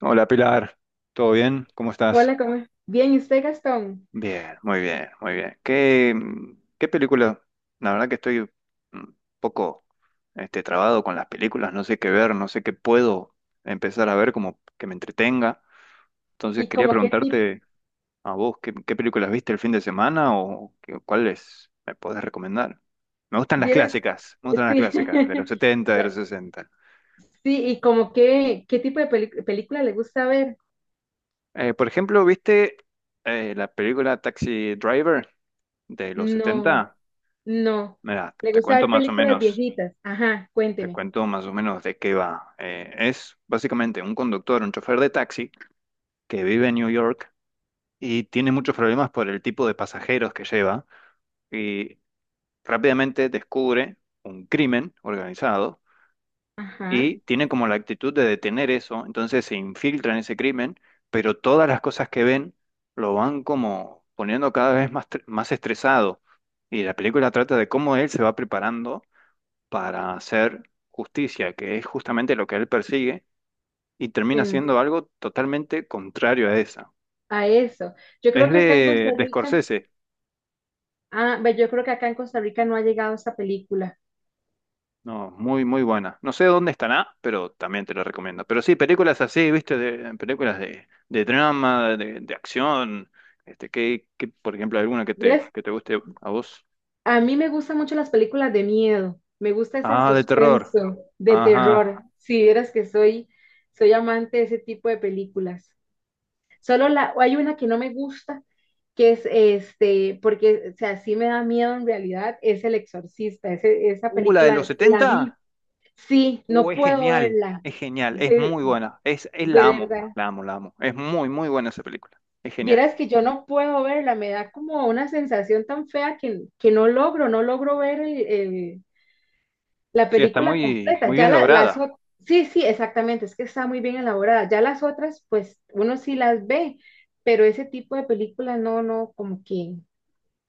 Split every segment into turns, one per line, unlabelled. Hola Pilar, ¿todo bien? ¿Cómo estás?
Hola, ¿cómo es? Bien, ¿y usted, Gastón?
Bien, muy bien, muy bien. ¿Qué, qué película? La verdad que estoy un poco trabado con las películas, no sé qué ver, no sé qué puedo empezar a ver como que me entretenga. Entonces
¿Y
quería
como qué tipo?
preguntarte a vos, ¿qué películas viste el fin de semana o cuáles me podés recomendar? Me gustan las
¿Vieras?
clásicas, me gustan las
Sí,
clásicas, de los 70, de
La-
los 60.
sí, ¿y como qué, qué tipo de película le gusta ver?
Por ejemplo, ¿viste la película Taxi Driver de los
No,
70?
no.
Mira,
¿Le
te
gusta
cuento
ver
más o
películas
menos,
viejitas? Ajá,
te
cuénteme.
cuento más o menos de qué va. Es básicamente un conductor, un chofer de taxi que vive en New York y tiene muchos problemas por el tipo de pasajeros que lleva y rápidamente descubre un crimen organizado
Ajá,
y tiene como la actitud de detener eso, entonces se infiltra en ese crimen, pero todas las cosas que ven lo van como poniendo cada vez más, más estresado. Y la película trata de cómo él se va preparando para hacer justicia, que es justamente lo que él persigue, y termina
en-
siendo algo totalmente contrario a esa.
a eso. Yo creo
Es
que acá en
de,
Costa
de
Rica,
Scorsese.
ah, ve, yo creo que acá en Costa Rica no ha llegado esa película.
No, muy, muy buena. No sé dónde estará, pero también te lo recomiendo. Pero sí, películas así, viste, películas de drama, de acción, que, por ejemplo, alguna que te guste a vos.
A mí me gustan mucho las películas de miedo, me gusta ese
Ah, de terror.
suspenso de
Ajá.
terror. Si vieras que soy, soy amante de ese tipo de películas. Solo hay una que no me gusta, porque o sea, sí me da miedo en realidad, es El Exorcista. Esa
La de los
película la vi,
70.
sí,
Uh,
no
es
puedo
genial,
verla,
es genial, es
de,
muy buena. Es
de
la amo,
verdad.
la amo, la amo. Es muy, muy buena esa película. Es genial.
Vieras que yo no puedo verla, me da como una sensación tan fea que no logro, no logro ver la
Sí, está
película
muy,
completa.
muy bien
Las
lograda.
otras, sí, sí, exactamente, es que está muy bien elaborada. Ya las otras, pues uno sí las ve, pero ese tipo de película no, no,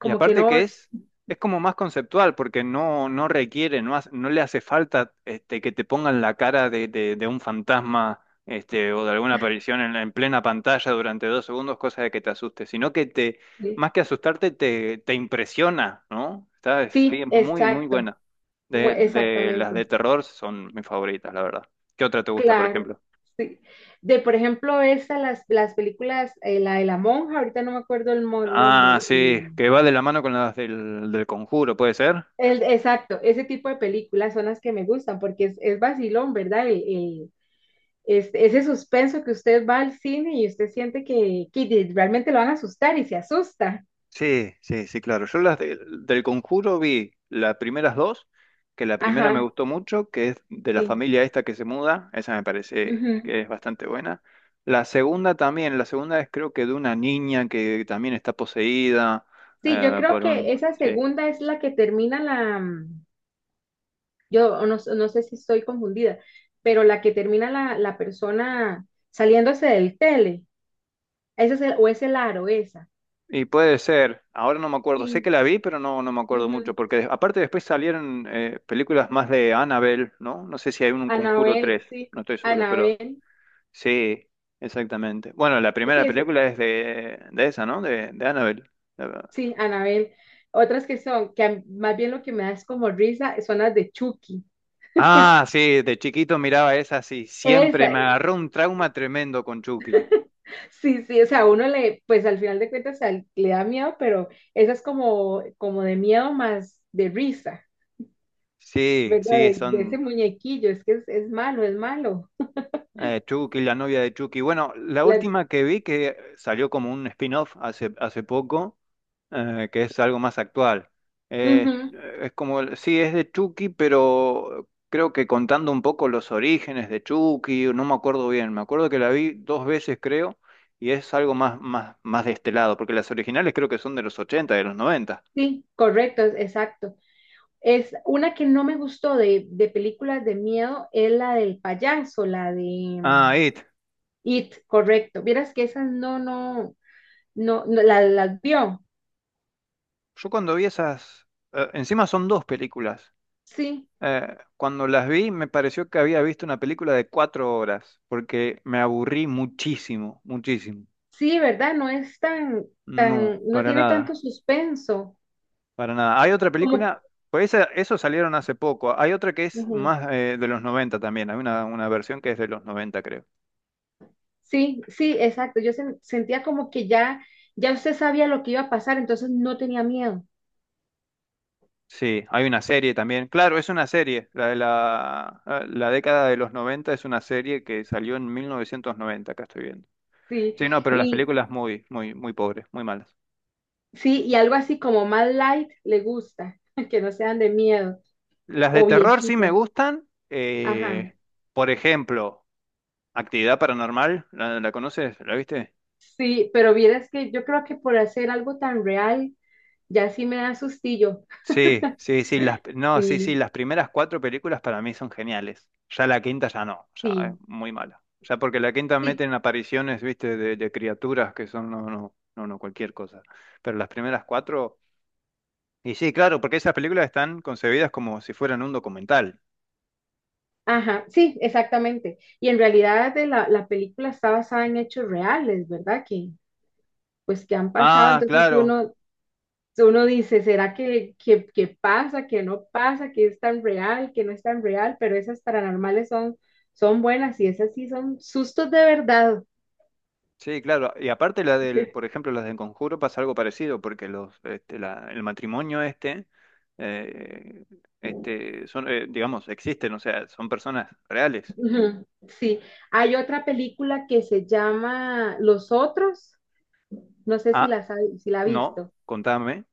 Y
que
aparte
no.
que es como más conceptual, porque no, no requiere, no le hace falta que te pongan la cara de un fantasma o de alguna aparición en plena pantalla durante 2 segundos, cosa de que te asuste, sino que te,
eh,
más que asustarte, te impresiona, ¿no? Es
Sí,
bien, muy, muy
exacto,
buena. De las
exactamente,
de terror son mis favoritas, la verdad. ¿Qué otra te gusta, por
claro.
ejemplo?
Sí. De, por ejemplo, las películas, la de la monja, ahorita no me acuerdo el nombre.
Ah, sí, que va de la mano con las del conjuro, ¿puede ser?
El, exacto, ese tipo de películas son las que me gustan porque es vacilón, ¿verdad? Ese suspenso que usted va al cine y usted siente que realmente lo van a asustar y se asusta.
Sí, sí, sí, claro. Yo del Conjuro vi las primeras dos, que la primera me
Ajá,
gustó mucho, que es de la
sí.
familia esta que se muda, esa me parece
Ujú.
que es bastante buena. La segunda también, la segunda es creo que de una niña que también está poseída
Sí, yo creo
por
que
un.
esa
Sí.
segunda es la que termina la. Yo no, no sé si estoy confundida, pero la que termina la persona saliéndose del tele. Esa es o es el aro, esa.
Y puede ser, ahora no me acuerdo, sé que
Sí.
la vi, pero no, no me acuerdo
Ujú.
mucho, porque aparte después salieron películas más de Annabelle, ¿no? No sé si hay un Conjuro 3.
Anabel, sí.
No estoy seguro, pero.
Anabel.
Sí, exactamente. Bueno, la
Sí,
primera película es de esa, ¿no? De Annabelle. La-
sí, Anabel. Otras que son, más bien lo que me da es como risa, son las de Chucky.
Ah, sí, de chiquito miraba esa, sí. Siempre
Esa,
me agarró un trauma tremendo con Chucky.
sí, sí, o sea, uno le, pues al final de cuentas o le da miedo, pero esa es como, como de miedo más de risa,
Sí,
¿verdad?
sí,
De ese
son
muñequillo, es que es malo, es malo.
Chucky, la novia de Chucky. Bueno, la
La-
última que vi que salió como un spin-off hace poco. Que es algo más actual. Eh,
Ujú,
es como, sí, es de Chucky, pero creo que contando un poco los orígenes de Chucky, no me acuerdo bien, me acuerdo que la vi dos veces, creo, y es algo más, más, más de este lado, porque las originales creo que son de los 80 de los 90.
sí, correcto, exacto. Es una que no me gustó de películas de miedo, es la del payaso, la de
Ah,
mm,
It.
It, correcto. Vieras que esas no, no, no, las vio.
Yo cuando vi esas, encima son dos películas.
Sí,
Cuando las vi me pareció que había visto una película de 4 horas, porque me aburrí muchísimo, muchísimo.
sí, ¿verdad? No es tan, tan,
No,
no
para
tiene tanto
nada.
suspenso.
Para nada. Hay otra
Como,
película, pues esa, eso salieron hace poco. Hay otra que es
ujú.
más de los 90 también. Hay una versión que es de los 90, creo.
Sí, sí, exacto. Yo sentía como que ya, ya usted sabía lo que iba a pasar, entonces no tenía miedo.
Sí, hay una serie también. Claro, es una serie. La de la década de los 90 es una serie que salió en 1990. Acá estoy viendo.
Sí,
Sí, no, pero las
y
películas muy, muy, muy pobres, muy malas.
sí, y algo así como más light le gusta, que no sean de miedo
Las de
o
terror sí me
viejitas.
gustan.
Ajá.
Por ejemplo, Actividad Paranormal, ¿la conoces? ¿La viste?
Sí, pero vieras que yo creo que por hacer algo tan real, ya sí me da sustillo.
Sí, sí, sí, las, no, sí, sí,
Sí,
las primeras cuatro películas para mí son geniales. Ya la quinta ya no, ya es
sí,
muy mala. Ya porque la quinta
sí.
meten apariciones, viste, de criaturas que son, no, no, no, no, cualquier cosa. Pero las primeras cuatro, y sí, claro, porque esas películas están concebidas como si fueran un documental.
Ajá, sí, exactamente. Y en realidad la película está basada en hechos reales, ¿verdad? Que pues que han pasado,
Ah,
entonces
claro,
uno dice, ¿será que que pasa, que no pasa, que es tan real, que no es tan real? Pero esas paranormales son, son buenas y esas sí son sustos de verdad.
sí, claro. Y aparte la del, por ejemplo, las del Conjuro pasa algo parecido, porque los, el matrimonio este, eh, son, digamos, existen, o sea, son personas reales.
Ujú. Sí, hay otra película que se llama Los Otros, no sé si
Ah,
si la ha
no,
visto.
contame.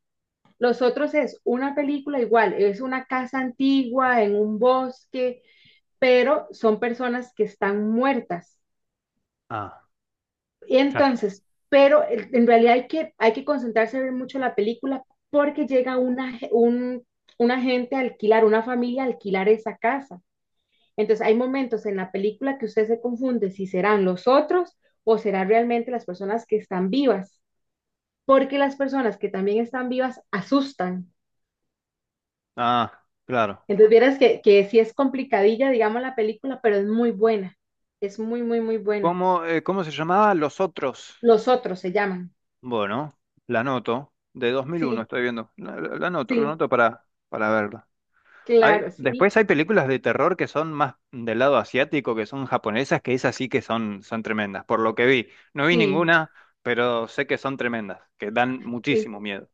Los Otros es una película igual, es una casa antigua en un bosque, pero son personas que están muertas.
Ah,
Y
claro.
entonces, pero en realidad hay que concentrarse a ver mucho la película porque llega una gente a alquilar, una familia a alquilar esa casa. Entonces hay momentos en la película que usted se confunde si serán los otros o serán realmente las personas que están vivas, porque las personas que también están vivas asustan.
Ah, claro.
Entonces vieras que sí es complicadilla, digamos, la película, pero es muy buena, es muy, muy, muy buena.
¿Cómo se llamaba Los Otros?
Los otros se llaman.
Bueno, la noto. De 2001.
Sí,
Estoy viendo. La noto, la
sí,
noto, para verla. Hay,
claro, sí,
después hay películas de terror que son más del lado asiático, que son japonesas, que esas sí que son, son tremendas, por lo que vi. No vi
sí,
ninguna, pero sé que son tremendas, que dan
sí.
muchísimo miedo.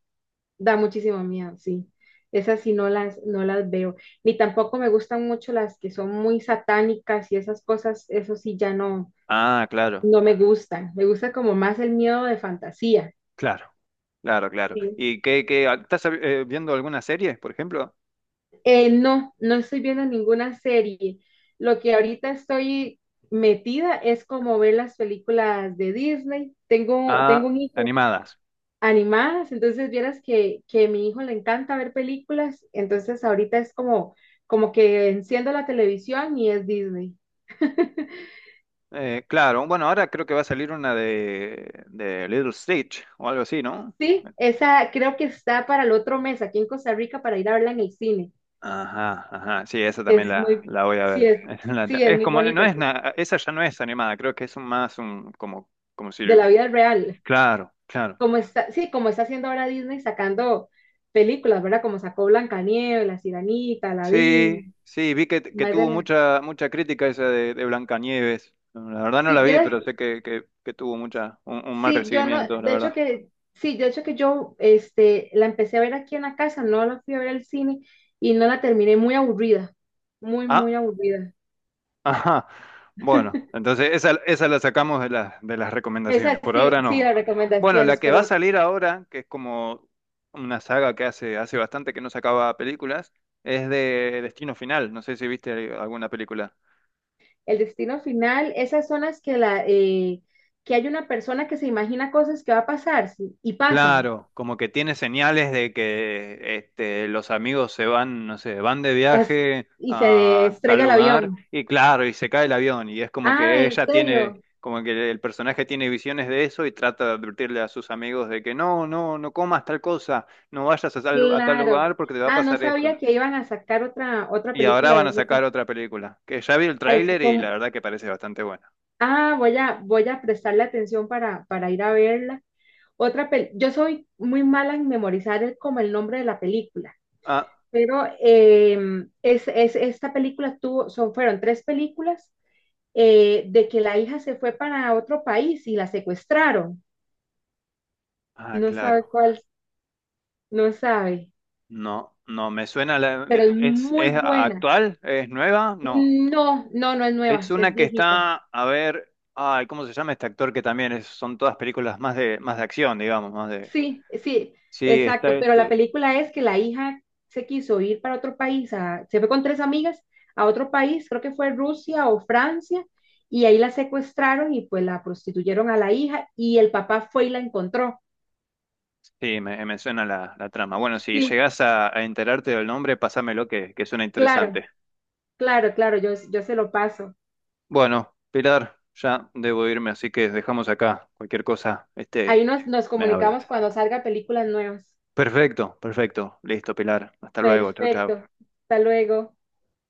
Da muchísimo miedo, sí. Esas sí no las, no las veo. Ni tampoco me gustan mucho las que son muy satánicas y esas cosas, eso sí ya no,
Ah, claro,
no me gustan. Me gusta como más el miedo de fantasía.
claro, claro, claro.
Sí.
¿Y estás viendo alguna serie, por ejemplo?
No, no estoy viendo ninguna serie. Lo que ahorita estoy metida es como ver las películas de Disney. Tengo un
Ah,
hijo
animadas.
animadas, entonces vieras que a mi hijo le encanta ver películas, entonces ahorita es como, como que enciendo la televisión y es Disney.
Claro, bueno, ahora creo que va a salir una de Little Stitch o algo así, ¿no?
Sí, esa creo que está para el otro mes aquí en Costa Rica para ir a verla en el cine,
Ajá, ajá, sí, esa
que
también
es
la,
muy,
la voy a
sí
ver.
es, sí es
Es
muy
como, no
bonita,
es
de
nada, esa ya no es animada, creo que es un más un, como si,
la vida real,
claro, claro.
como está, sí, como está haciendo ahora Disney sacando películas, ¿verdad? Como sacó Blancanieves, La Sirenita,
Sí,
Aladdin,
sí, vi que
más de
tuvo
la,
mucha crítica esa de Blancanieves. La verdad no
sí,
la vi,
vieras.
pero sé que tuvo un mal
Sí, yo no,
recibimiento, la
de hecho
verdad.
sí, de hecho que yo, este, la empecé a ver aquí en la casa, no la fui a ver al cine y no la terminé, muy aburrida, muy, muy
Ah.
aburrida.
Ajá. Bueno, entonces esa la sacamos de las recomendaciones.
Esa
Por ahora
sí, sí,
no.
las
Bueno, la
recomendaciones,
que va a
pero
salir ahora, que es como una saga que hace bastante que no sacaba películas, es de Destino Final. No sé si viste alguna película.
el destino final, esas son las que que hay una persona que se imagina cosas que va a pasar, sí, y pasan,
Claro, como que tiene señales de que los amigos se van, no sé, van de
las-
viaje
y se
a tal
estrella el
lugar
avión.
y claro, y se cae el avión y es como
Ah,
que
¿en
ella
serio?
tiene, como que el personaje tiene visiones de eso y trata de advertirle a sus amigos de que no, no, no comas tal cosa, no vayas a tal
Claro.
lugar porque te va a
Ah, no
pasar esto.
sabía que iban a sacar otra, otra
Y ahora
película
van a
de
sacar
eso.
otra película, que ya vi el
Ay,
tráiler y la
son,
verdad que parece bastante buena.
ah, voy a, voy a prestarle atención para ir a verla. Otra pel, yo soy muy mala en memorizar como el nombre de la película,
Ah,
pero es, esta película tuvo, son, fueron 3 películas, de que la hija se fue para otro país y la secuestraron.
ah,
No sabe
claro.
cuál, no sabe,
No, no, me suena la.
pero es
¿Es
muy buena.
actual? ¿Es nueva? No.
No, no, no es
Es
nueva, es
una que
viejita.
está, a ver, ay, ¿cómo se llama este actor que también son todas películas más de, acción, digamos, más de.
Sí, sí,
Sí, está
exacto, pero la
este.
película es que la hija se quiso ir para otro país, se fue con 3 amigas a otro país, creo que fue Rusia o Francia, y ahí la secuestraron y pues la prostituyeron a la hija y el papá fue y la encontró.
Sí, me suena la trama. Bueno, si
Sí,
llegás a enterarte del nombre, pásamelo que suena
claro,
interesante.
claro, claro, yo se lo paso.
Bueno, Pilar, ya debo irme, así que dejamos acá. Cualquier cosa,
Ahí nos, nos
me
comunicamos
hablas.
cuando salga películas nuevas.
Perfecto, perfecto. Listo, Pilar. Hasta luego. Chau, chau.
Perfecto, hasta luego.